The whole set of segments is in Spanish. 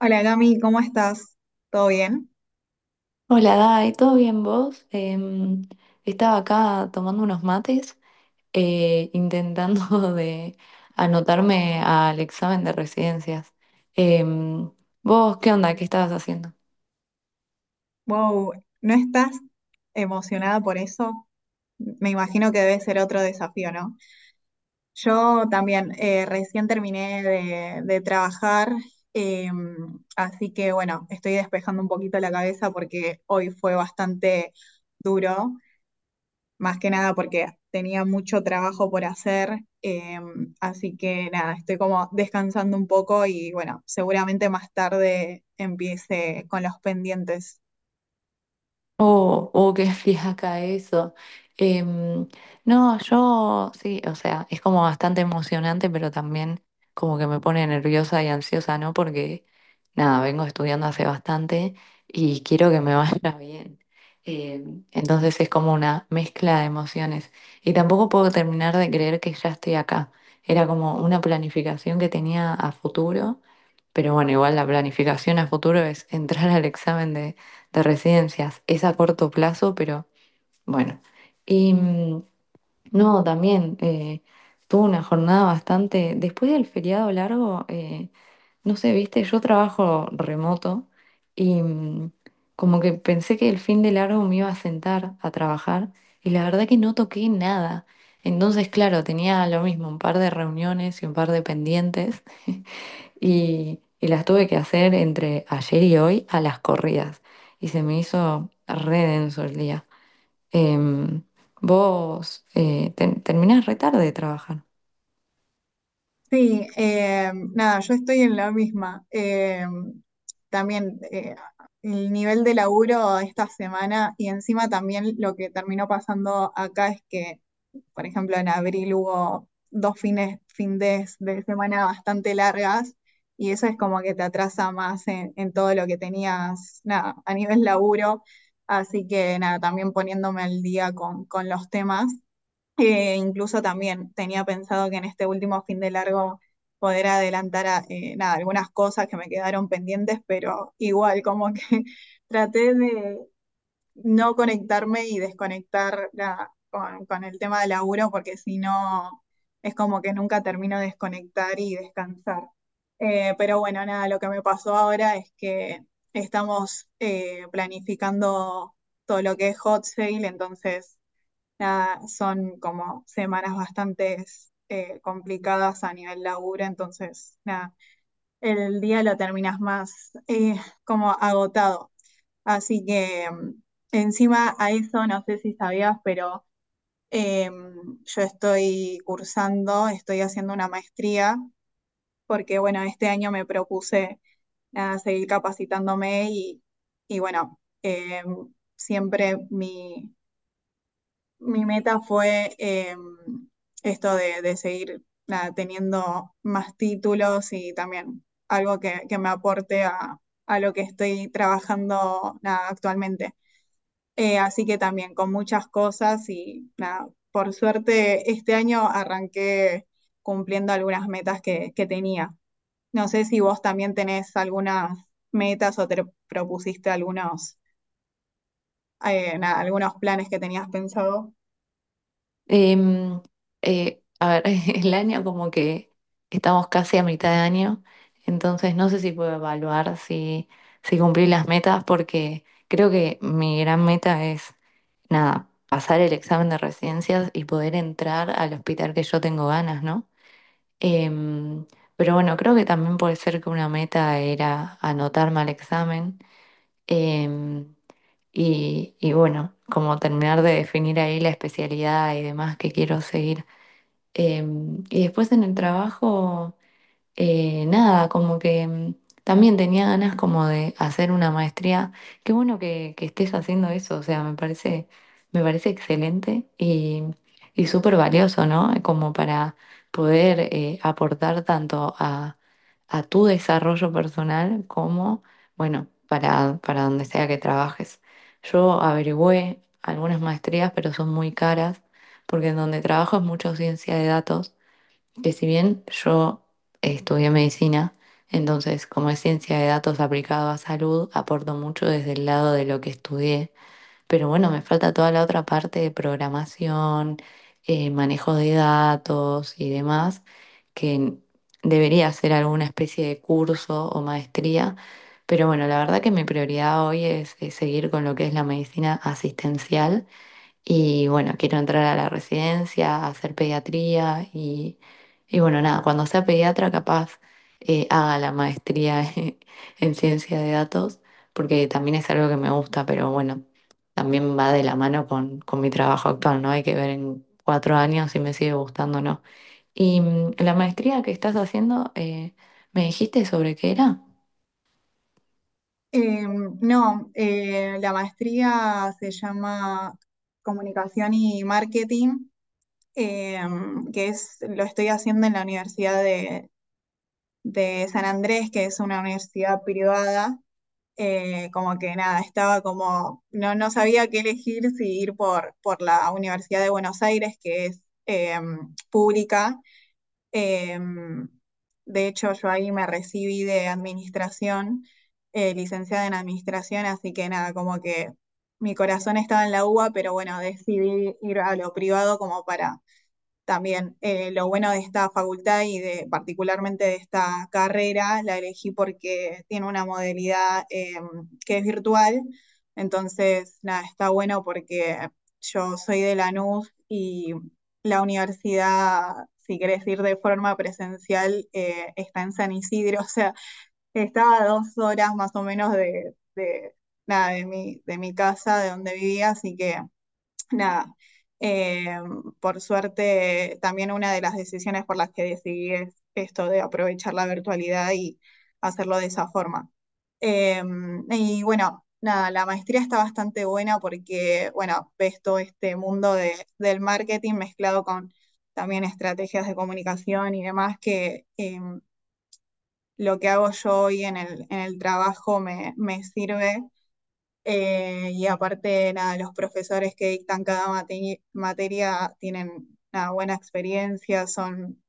Hola, Cami, ¿cómo estás? ¿Todo bien? Hola, Dai, ¿todo bien vos? Estaba acá tomando unos mates, intentando de anotarme al examen de residencias. Em, ¿Vos qué onda? ¿Qué estabas haciendo? Wow, ¿no estás emocionada por eso? Me imagino que debe ser otro desafío, ¿no? Yo también recién terminé de trabajar, eh, así que bueno, estoy despejando un poquito la cabeza porque hoy fue bastante duro. Más que nada porque tenía mucho trabajo por hacer, así que nada, estoy como descansando un poco y bueno, seguramente más tarde empiece con los pendientes. Oh, oh, qué fiaca eso. Em, no, yo sí, o sea, es como bastante emocionante, pero también como que me pone nerviosa y ansiosa, ¿no? Porque nada, vengo estudiando hace bastante y quiero que me vaya bien. Entonces es como una mezcla de emociones. Y tampoco puedo terminar de creer que ya estoy acá. Era como una planificación que tenía a futuro, pero bueno, igual la planificación a futuro es entrar al examen de residencias. Es a corto plazo, pero bueno. Y no, también tuve una jornada bastante. Después del feriado largo, no sé, viste, yo trabajo remoto y como que pensé que el fin de largo me iba a sentar a trabajar y la verdad que no toqué nada. Entonces, claro, tenía lo mismo, un par de reuniones y un par de pendientes y las tuve que hacer entre ayer y hoy a las corridas. Y se me hizo re denso el día. Em, Vos terminás re tarde de trabajar. Sí, nada, yo estoy en la misma. También el nivel de laburo esta semana y encima también lo que terminó pasando acá es que, por ejemplo, en abril hubo dos fin de semana bastante largas y eso es como que te atrasa más en todo lo que tenías, nada, a nivel laburo. Así que nada, también poniéndome al día con los temas. Incluso también tenía pensado que en este último fin de largo poder adelantar nada, algunas cosas que me quedaron pendientes, pero igual como que traté de no conectarme y desconectar con el tema de laburo, porque si no, es como que nunca termino de desconectar y descansar. Pero bueno, nada, lo que me pasó ahora es que estamos planificando todo lo que es hot sale, entonces nada, son como semanas bastante complicadas a nivel laburo, entonces nada, el día lo terminas más como agotado. Así que encima a eso, no sé si sabías, pero yo estoy cursando, estoy haciendo una maestría, porque bueno, este año me propuse, nada, seguir capacitándome y bueno, siempre mi meta fue, esto de seguir, nada, teniendo más títulos y también algo que me aporte a lo que estoy trabajando, nada, actualmente. Así que también con muchas cosas y nada, por suerte este año arranqué cumpliendo algunas metas que tenía. No sé si vos también tenés algunas metas o te propusiste algunos, nada, algunos planes que tenías pensado. Em, a ver, el año como que estamos casi a mitad de año, entonces no sé si puedo evaluar si cumplí las metas porque creo que mi gran meta es, nada, pasar el examen de residencias y poder entrar al hospital que yo tengo ganas, ¿no? Em, pero bueno, creo que también puede ser que una meta era anotarme al examen. em, y bueno, como terminar de definir ahí la especialidad y demás que quiero seguir. Y después en el trabajo nada, como que también tenía ganas como de hacer una maestría. Qué bueno que estés haciendo eso, o sea, me parece excelente y súper valioso, ¿no? Como para poder aportar tanto a tu desarrollo personal como, bueno, para donde sea que trabajes. Yo averigüé algunas maestrías, pero son muy caras, porque en donde trabajo es mucho ciencia de datos que si bien yo estudié medicina, entonces como es ciencia de datos aplicado a salud, aporto mucho desde el lado de lo que estudié, pero bueno, me falta toda la otra parte de programación, manejo de datos y demás, que debería hacer alguna especie de curso o maestría, pero bueno, la verdad que mi prioridad hoy es seguir con lo que es la medicina asistencial y bueno, quiero entrar a la residencia, a hacer pediatría y bueno, nada, cuando sea pediatra capaz haga la maestría en ciencia de datos, porque también es algo que me gusta, pero bueno, también va de la mano con mi trabajo actual, ¿no? Hay que ver en cuatro años si me sigue gustando o no. Y la maestría que estás haciendo, ¿me dijiste sobre qué era? Eh, no, la maestría se llama Comunicación y Marketing, eh, que es, lo estoy haciendo en la Universidad de San Andrés, que es una universidad privada. Como que nada, estaba como, no, no sabía qué elegir, si ir por la Universidad de Buenos Aires, que es pública. Eh, de hecho, yo ahí me recibí de administración, licenciada en administración, así que nada, como que mi corazón estaba en la UBA, pero bueno, decidí ir a lo privado como para también lo bueno de esta facultad y de particularmente de esta carrera, la elegí porque tiene una modalidad que es virtual, entonces nada, está bueno porque yo soy de Lanús y la universidad, si querés ir de forma presencial, está en San Isidro, o sea, estaba a dos horas más o menos de nada, de mi casa, de donde vivía, así que nada, eh, por suerte también una de las decisiones por las que decidí es esto de aprovechar la virtualidad y hacerlo de esa forma. Eh, y bueno, nada, la maestría está bastante buena porque, bueno, ves todo este mundo de, del marketing mezclado con también estrategias de comunicación y demás que, lo que hago yo hoy en en el trabajo me sirve. Y aparte, nada, los profesores que dictan cada materia tienen una buena experiencia, son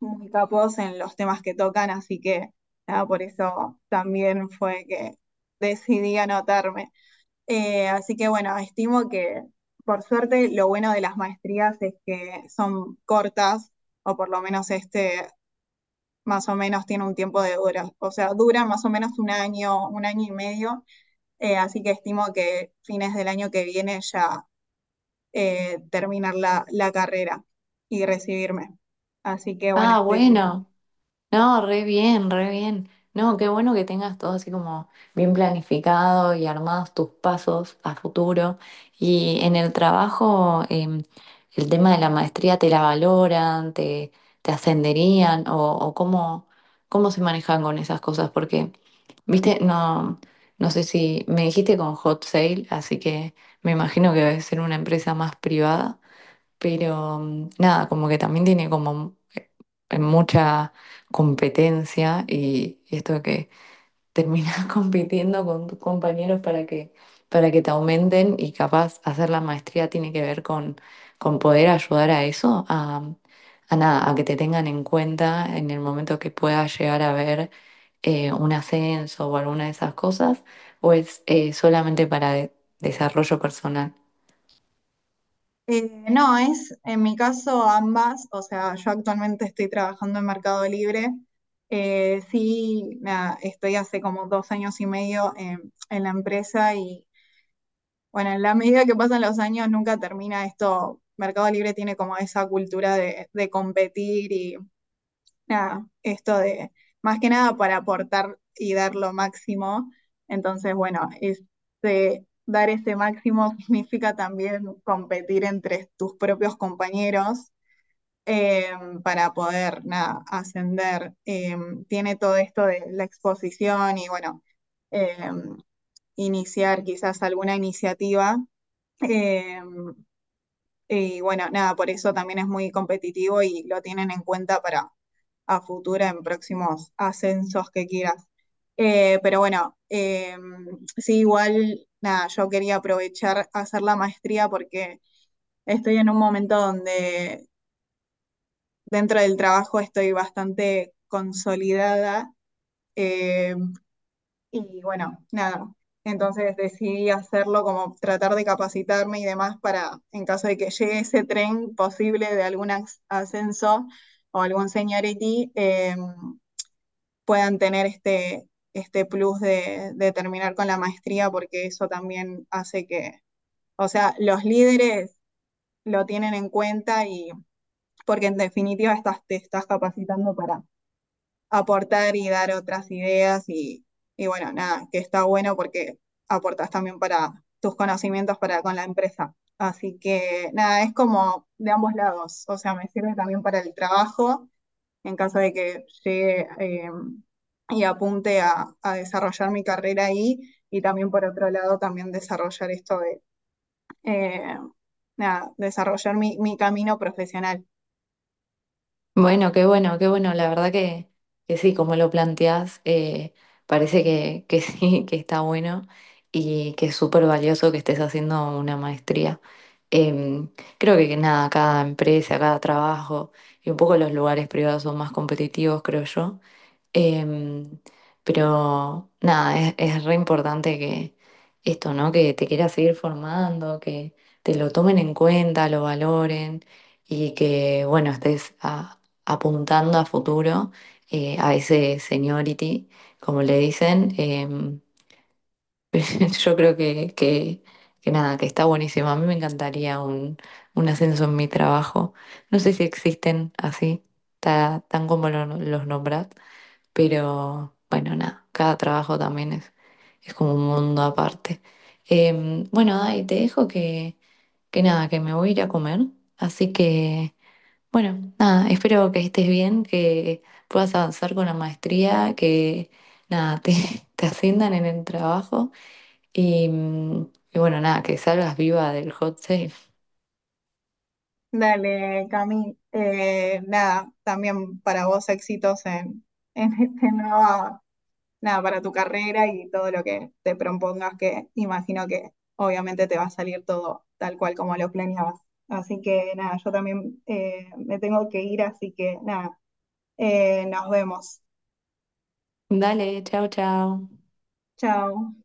muy capos en los temas que tocan, así que nada, por eso también fue que decidí anotarme. Así que bueno, estimo que, por suerte, lo bueno de las maestrías es que son cortas, o por lo menos este más o menos tiene un tiempo de dura, o sea, dura más o menos un año y medio. Así que estimo que fines del año que viene ya, terminar la carrera y recibirme. Así que bueno, Ah, estoy como- bueno. No, re bien, re bien. No, qué bueno que tengas todo así como bien planificado y armados tus pasos a futuro. Y en el trabajo, el tema de la maestría, ¿te la valoran? ¿Te, te ascenderían? O cómo, cómo se manejan con esas cosas? Porque, viste, no, no sé si me dijiste con Hot Sale, así que me imagino que debe ser una empresa más privada. Pero nada, como que también tiene como mucha competencia y esto de que terminas compitiendo con tus compañeros para que te aumenten y capaz hacer la maestría tiene que ver con poder ayudar a eso, a nada, a que te tengan en cuenta en el momento que puedas llegar a ver un ascenso o alguna de esas cosas, o es solamente para desarrollo personal. No, es en mi caso ambas, o sea, yo actualmente estoy trabajando en Mercado Libre. Sí, nada, estoy hace como dos años y medio en la empresa y bueno, en la medida que pasan los años nunca termina esto. Mercado Libre tiene como esa cultura de competir y nada, esto de, más que nada, para aportar y dar lo máximo. Entonces, bueno, este, dar ese máximo significa también competir entre tus propios compañeros, eh, para poder, nada, ascender. Tiene todo esto de la exposición y bueno, eh, iniciar quizás alguna iniciativa. eh, y bueno, nada, por eso también es muy competitivo y lo tienen en cuenta para a futuro en próximos ascensos que quieras. Pero bueno, sí, igual, nada, yo quería aprovechar hacer la maestría porque estoy en un momento donde dentro del trabajo estoy bastante consolidada. eh, y bueno, nada. Entonces decidí hacerlo como tratar de capacitarme y demás para, en caso de que llegue ese tren posible de algún ascenso o algún seniority, puedan tener este plus de terminar con la maestría, porque eso también hace que, o sea, los líderes lo tienen en cuenta, y porque en definitiva estás, te estás capacitando para aportar y dar otras ideas y bueno, nada, que está bueno porque aportas también para tus conocimientos para con la empresa. Así que nada, es como de ambos lados, o sea, me sirve también para el trabajo en caso de que llegue, y apunte a desarrollar mi carrera ahí, y también por otro lado también desarrollar esto de, eh, nada, desarrollar mi camino profesional. Bueno, qué bueno, qué bueno. La verdad que sí, como lo planteás, parece que sí, que está bueno y que es súper valioso que estés haciendo una maestría. Em, Creo que nada, cada empresa, cada trabajo y un poco los lugares privados son más competitivos, creo yo. Em, pero nada, es re importante que esto, ¿no? Que te quieras seguir formando, que te lo tomen en cuenta, lo valoren y que, bueno, estés apuntando a futuro, a ese seniority, como le dicen. Yo creo que nada, que está buenísimo. A mí me encantaría un ascenso en mi trabajo. No sé si existen así, tan como los nombras. Pero bueno, nada, cada trabajo también es como un mundo aparte. Bueno, Dai, te dejo que nada, que me voy a ir a comer. Así que, bueno, nada, espero que estés bien, que puedas avanzar con la maestría, que nada, te, te asciendan en el trabajo y, y bueno, nada, que salgas viva del hot sale. Dale, Cami. Nada, también para vos éxitos en, en este nuevo, nada, para tu carrera y todo lo que te propongas, que imagino que obviamente te va a salir todo tal cual como lo planeabas. Así que nada, yo también me tengo que ir, así que nada, nos vemos. Dale, chao, chao. Chao.